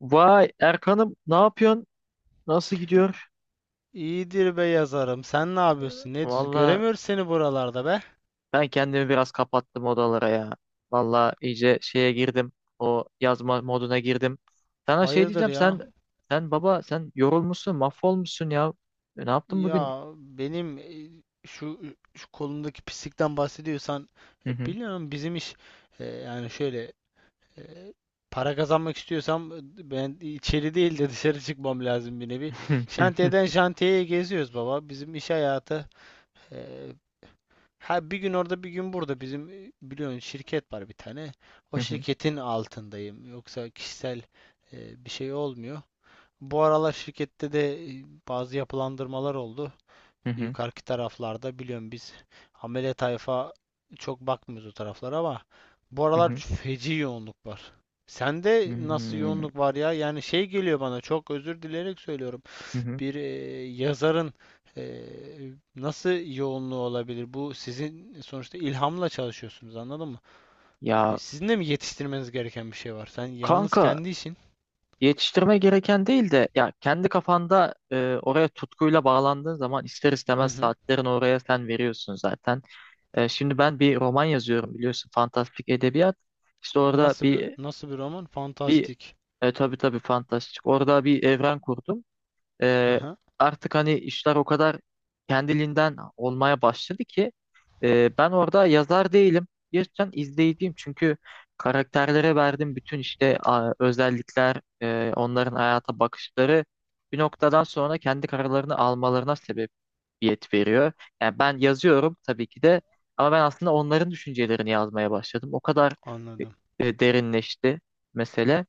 Vay Erkan'ım, ne yapıyorsun? Nasıl gidiyor? İyidir be yazarım. Sen ne yapıyorsun? Ne diyorsun? Valla Göremiyoruz seni buralarda be. ben kendimi biraz kapattım odalara ya. Valla iyice şeye girdim. O yazma moduna girdim. Sana şey Hayırdır diyeceğim, ya? sen baba, sen yorulmuşsun, mahvolmuşsun ya. Ne yaptın bugün? Ya benim şu, şu kolundaki pislikten bahsediyorsan Hı hı. biliyorum bizim iş yani şöyle e, para kazanmak istiyorsam ben içeri değil de dışarı çıkmam lazım bir nevi. Şantiyeden şantiyeye geziyoruz baba. Bizim iş hayatı. e, Ha, bir gün orada bir gün burada bizim biliyorsun şirket var bir tane. Hı O hı. şirketin altındayım. Yoksa kişisel bir şey olmuyor. Bu aralar şirkette de bazı yapılandırmalar oldu. Hı hı. Yukarıki taraflarda biliyorum biz amele tayfa çok bakmıyoruz o taraflara, ama bu Hı aralar hı. Feci yoğunluk var. Sende nasıl Hmm. yoğunluk var ya? Yani şey geliyor bana, çok özür dileyerek söylüyorum, Hı hı. bir yazarın nasıl yoğunluğu olabilir? Bu sizin sonuçta ilhamla çalışıyorsunuz, anladın mı? E, Ya sizin de mi yetiştirmeniz gereken bir şey var? Sen yalnız kanka, kendi işin. yetiştirme gereken değil de ya kendi kafanda, oraya tutkuyla bağlandığın zaman ister Hı istemez hı. saatlerin oraya sen veriyorsun zaten. Şimdi ben bir roman yazıyorum, biliyorsun, fantastik edebiyat. İşte orada Nasıl bir nasıl bir roman? bir Fantastik. Tabii tabii fantastik. Orada bir evren kurdum. Hı E, hı. Artık hani işler o kadar kendiliğinden olmaya başladı ki ben orada yazar değilim. Gerçekten izleyiciyim, çünkü karakterlere verdiğim bütün işte özellikler, onların hayata bakışları bir noktadan sonra kendi kararlarını almalarına sebep yet veriyor. Yani ben yazıyorum tabii ki de, ama ben aslında onların düşüncelerini yazmaya başladım. O kadar Anladım. e, derinleşti mesele.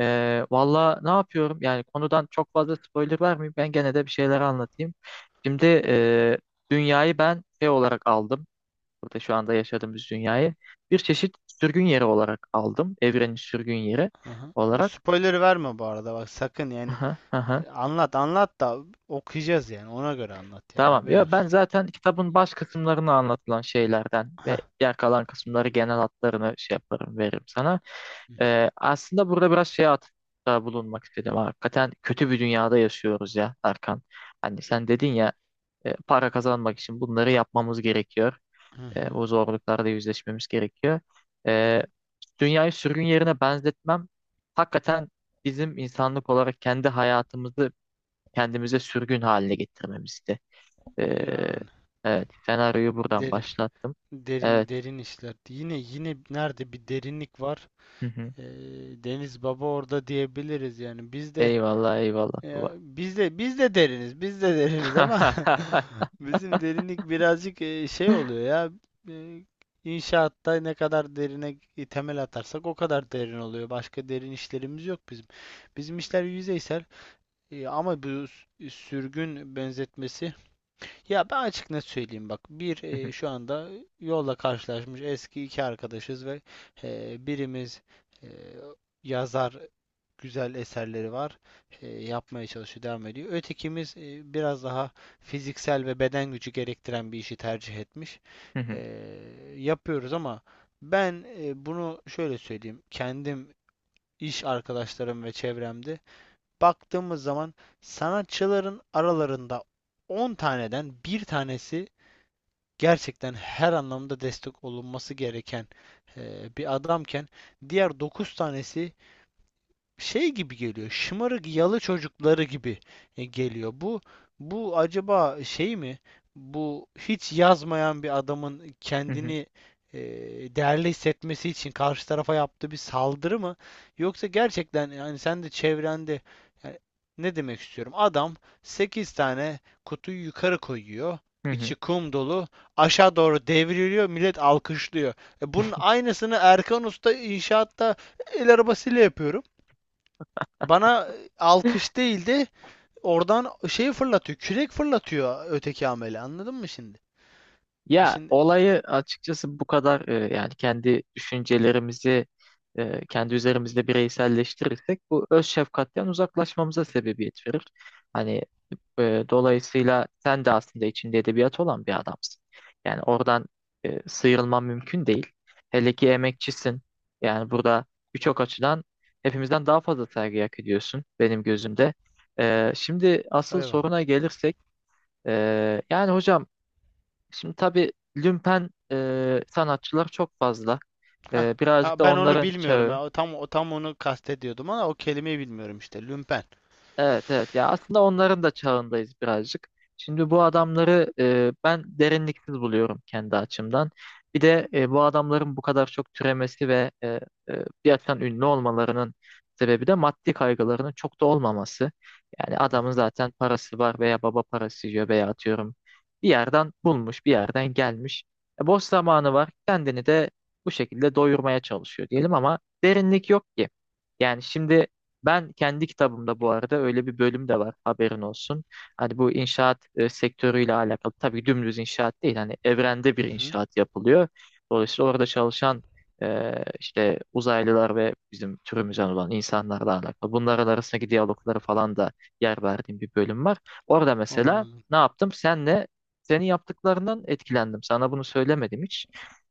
Valla ne yapıyorum? Yani konudan çok fazla spoiler vermeyeyim. Ben gene de bir şeyler anlatayım. Şimdi dünyayı ben şey olarak aldım. Burada şu anda yaşadığımız dünyayı bir çeşit sürgün yeri olarak aldım. Evrenin sürgün yeri Hı hı. Bu olarak. spoiler verme bu arada bak sakın yani. Aha, aha. Anlat anlat da okuyacağız yani, ona göre anlat yani, Tamam. haberin Ya ben olsun. zaten kitabın baş kısımlarını anlatılan şeylerden ve Heh. diğer kalan kısımları genel hatlarını şey yaparım, veririm sana. Aslında burada biraz şeye atıfta bulunmak istedim. Hakikaten kötü bir dünyada yaşıyoruz ya Erkan. Hani sen dedin ya, para kazanmak için bunları yapmamız gerekiyor. Hı hı. Bu zorluklarla yüzleşmemiz gerekiyor. E, Dünyayı sürgün yerine benzetmem hakikaten bizim insanlık olarak kendi hayatımızı kendimize sürgün haline getirmemizdi. Ee, Yani evet, senaryoyu buradan derin başlattım. derin Evet. derin işler. Yine nerede bir derinlik var. Hı hı. Ee, Deniz Baba orada diyebiliriz yani. Biz de Eyvallah eyvallah ya baba. biz de deriniz. Biz de deriniz ama bizim derinlik birazcık şey oluyor ya. e, İnşaatta ne kadar derine temel atarsak o kadar derin oluyor. Başka derin işlerimiz yok bizim. Bizim işler yüzeysel. Ama bu sürgün benzetmesi, ya ben açık net söyleyeyim bak. Bir Hı hı. Şu anda yolla karşılaşmış eski iki arkadaşız ve birimiz e, yazar, güzel eserleri var. Yapmaya çalışıyor, devam ediyor. Ötekimiz biraz daha fiziksel ve beden gücü gerektiren bir işi tercih etmiş. Hı hı. E, yapıyoruz ama ben bunu şöyle söyleyeyim. Kendim, iş arkadaşlarım ve çevremde baktığımız zaman, sanatçıların aralarında 10 taneden bir tanesi gerçekten her anlamda destek olunması gereken bir adamken, diğer 9 tanesi şey gibi geliyor. Şımarık yalı çocukları gibi geliyor. Bu acaba şey mi? Bu hiç yazmayan bir adamın Hı hı. kendini e, değerli hissetmesi için karşı tarafa yaptığı bir saldırı mı? Yoksa gerçekten, yani sen de çevrende, yani ne demek istiyorum? Adam 8 tane kutuyu yukarı koyuyor, Hı hı. içi kum dolu. Aşağı doğru devriliyor, millet alkışlıyor. Bunun aynısını Erkan Usta inşaatta el arabasıyla yapıyorum. Bana alkış değil de oradan şey fırlatıyor. Kürek fırlatıyor öteki amele. Anladın mı şimdi? E, Ya Şimdi olayı açıkçası bu kadar yani kendi düşüncelerimizi kendi üzerimizde bireyselleştirirsek bu öz şefkatten uzaklaşmamıza sebebiyet verir. Hani dolayısıyla sen de aslında içinde edebiyat olan bir adamsın. Yani oradan sıyrılman mümkün değil. Hele ki emekçisin. Yani burada birçok açıdan hepimizden daha fazla saygı hak ediyorsun benim gözümde. Şimdi asıl Eyvallah. soruna gelirsek, yani hocam, şimdi tabii lümpen sanatçılar çok fazla. Hah. Ha, Birazcık da ben onu onların bilmiyorum çağı. ya. O tam onu kastediyordum ama o kelimeyi bilmiyorum işte. Lümpen. Evet evet, ya aslında onların da çağındayız birazcık. Şimdi bu adamları ben derinliksiz buluyorum kendi açımdan. Bir de bu adamların bu kadar çok türemesi ve bir açıdan ünlü olmalarının sebebi de maddi kaygılarının çok da olmaması. Yani adamın Aha. zaten parası var, veya baba parası yiyor, veya atıyorum bir yerden bulmuş, bir yerden gelmiş. Boş zamanı var, kendini de bu şekilde doyurmaya çalışıyor diyelim, ama derinlik yok ki. Yani şimdi ben kendi kitabımda bu arada öyle bir bölüm de var, haberin olsun. Hani bu inşaat sektörüyle alakalı, tabii dümdüz inşaat değil, hani evrende Hı bir hı. inşaat yapılıyor. Dolayısıyla orada çalışan işte uzaylılar ve bizim türümüzden olan insanlarla alakalı. Bunlar arasındaki diyalogları falan da yer verdiğim bir bölüm var. Orada mesela Anladım. ne yaptım? Senin yaptıklarından etkilendim. Sana bunu söylemedim hiç,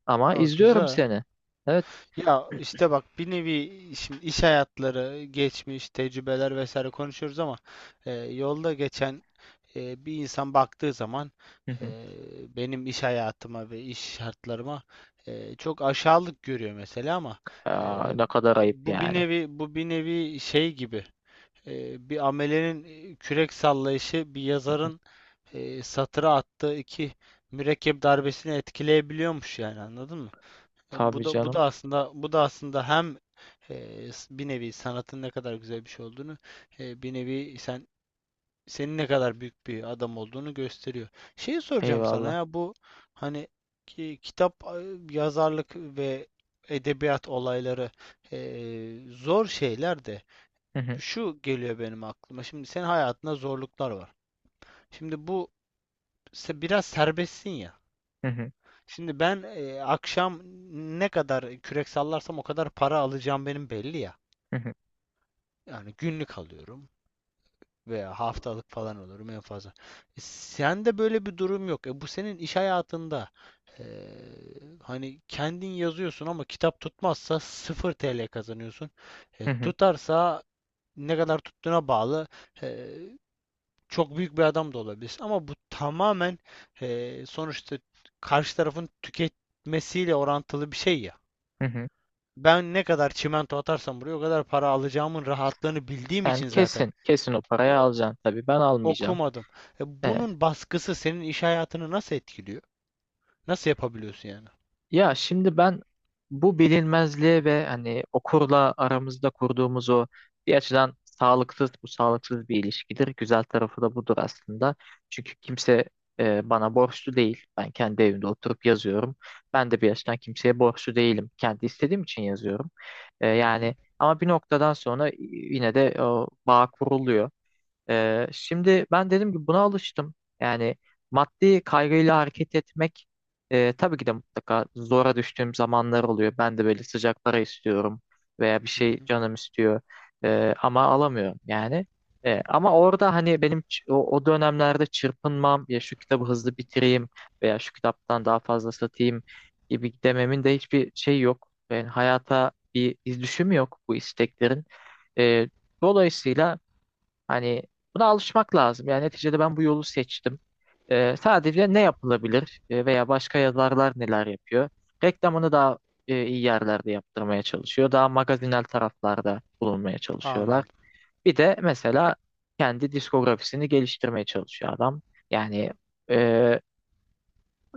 ama Aa, izliyorum güzel. seni. Evet. Ya işte bak, bir nevi şimdi iş hayatları, geçmiş, tecrübeler vesaire konuşuyoruz ama yolda geçen bir insan baktığı zaman Hı e, hı. benim iş hayatıma ve iş şartlarıma çok aşağılık görüyor mesela, ama Aa, e, ne kadar ayıp bu bir yani. nevi bu bir nevi şey gibi, bir amelenin kürek sallayışı bir yazarın satıra attığı iki mürekkep darbesini etkileyebiliyormuş yani, anladın mı? Bu Tabii da bu canım. da aslında bu da aslında hem bir nevi sanatın ne kadar güzel bir şey olduğunu, bir nevi senin ne kadar büyük bir adam olduğunu gösteriyor. Şeyi soracağım sana Eyvallah. ya, bu hani kitap, yazarlık ve edebiyat olayları e, zor şeyler, de Hı hı, şu geliyor benim aklıma. Şimdi senin hayatında zorluklar var. Şimdi bu biraz serbestsin ya. hı hı, Şimdi ben akşam ne kadar kürek sallarsam o kadar para alacağım benim belli ya. hı hı, Yani günlük alıyorum, veya haftalık falan olurum en fazla. Sende böyle bir durum yok. Bu senin iş hayatında e, hani kendin yazıyorsun ama kitap tutmazsa 0 TL kazanıyorsun. E, hı hı, tutarsa ne kadar tuttuğuna bağlı. E, çok büyük bir adam da olabilirsin, ama bu tamamen, sonuçta, karşı tarafın tüketmesiyle orantılı bir şey ya. hı hı. Ben ne kadar çimento atarsam buraya o kadar para alacağımın rahatlığını bildiğim Sen için zaten kesin, kesin o parayı o, alacaksın tabii. Ben almayacağım. okumadım. E, Evet. bunun baskısı senin iş hayatını nasıl etkiliyor? Nasıl yapabiliyorsun yani? Ya şimdi ben bu bilinmezliğe ve hani okurla aramızda kurduğumuz o bir açıdan sağlıksız, bu sağlıksız bir ilişkidir. Güzel tarafı da budur aslında. Çünkü kimse bana borçlu değil. Ben kendi evimde oturup yazıyorum. Ben de bir açıdan kimseye borçlu değilim. Kendi istediğim için yazıyorum. Hı hı, Yani ama bir noktadan sonra yine de o bağ kuruluyor. Şimdi ben dedim ki buna alıştım. Yani maddi kaygıyla hareket etmek, tabii ki de mutlaka zora düştüğüm zamanlar oluyor. Ben de böyle sıcak para istiyorum, veya bir hı şey hı. canım istiyor. Ama alamıyorum yani. Ama orada hani benim o dönemlerde çırpınmam ya şu kitabı hızlı bitireyim, veya şu kitaptan daha fazla satayım gibi dememin de hiçbir şey yok. Yani hayata bir izdüşüm yok bu isteklerin. Ee, dolayısıyla hani buna alışmak lazım. Yani neticede ben bu yolu seçtim. Sadece ne yapılabilir? Veya başka yazarlar neler yapıyor? Reklamını daha iyi yerlerde yaptırmaya çalışıyor. Daha magazinel taraflarda bulunmaya çalışıyorlar. Anladım, Bir de mesela kendi diskografisini geliştirmeye çalışıyor adam. Yani e,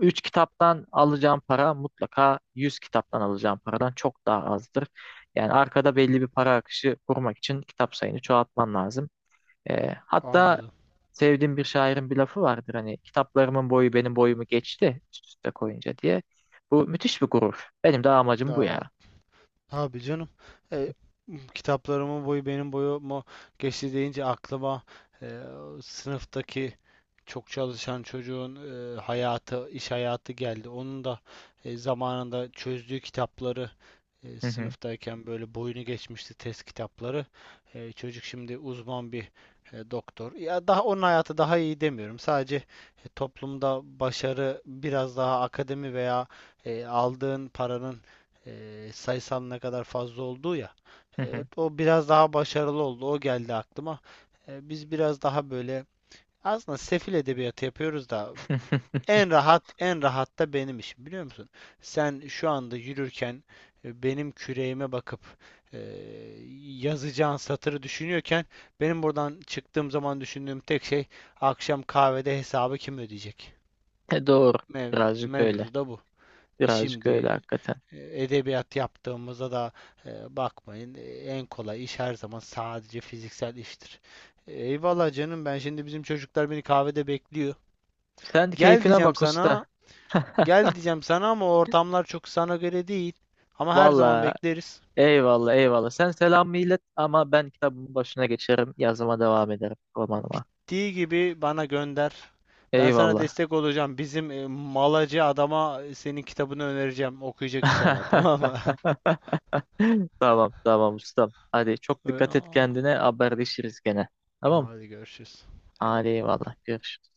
3 kitaptan alacağım para mutlaka 100 kitaptan alacağım paradan çok daha azdır. Yani arkada belli bir para akışı kurmak için kitap sayını çoğaltman lazım. E, hatta anladım. Sevdiğim bir şairin bir lafı vardır, hani kitaplarımın boyu benim boyumu geçti üst üste koyunca diye. Bu müthiş bir gurur. Benim de amacım bu ya. Aa, abi canım, e, kitaplarımın boyu benim boyumu geçti deyince aklıma e, sınıftaki çok çalışan çocuğun hayatı, iş hayatı geldi. Onun da zamanında çözdüğü kitapları Hı hı, sınıftayken böyle boyunu geçmişti test kitapları. Çocuk şimdi uzman bir doktor. Ya daha onun hayatı daha iyi demiyorum. Sadece toplumda başarı biraz daha akademi veya aldığın paranın sayısal ne kadar fazla olduğu ya. hı E, hı. o biraz daha başarılı oldu. O geldi aklıma. Biz biraz daha böyle aslında sefil edebiyatı yapıyoruz da en rahat, en rahat da benim işim, biliyor musun? Sen şu anda yürürken benim küreğime bakıp e, yazacağın satırı düşünüyorken, benim buradan çıktığım zaman düşündüğüm tek şey akşam kahvede hesabı kim ödeyecek? Doğru. Mev, Birazcık öyle. mevzu da bu. Birazcık öyle Şimdi hakikaten. Edebiyat yaptığımızda da bakmayın, en kolay iş her zaman sadece fiziksel iştir. Eyvallah canım, ben şimdi bizim çocuklar beni kahvede bekliyor. Sen Gel keyfine diyeceğim bak sana usta. Gel diyeceğim sana ama ortamlar çok sana göre değil. Ama her zaman Valla, bekleriz. eyvallah eyvallah. Sen selam millet, ama ben kitabımın başına geçerim. Yazıma devam ederim, romanıma. Bittiği gibi bana gönder. Ben sana Eyvallah. destek olacağım. Bizim malacı adama, senin kitabını önereceğim. Okuyacak inşallah, tamam mı? Tamam tamam ustam. Hadi çok dikkat et kendine. Haberleşiriz gene. Tamam. Hadi görüşürüz. Hadi Eyvallah. eyvallah. Görüşürüz.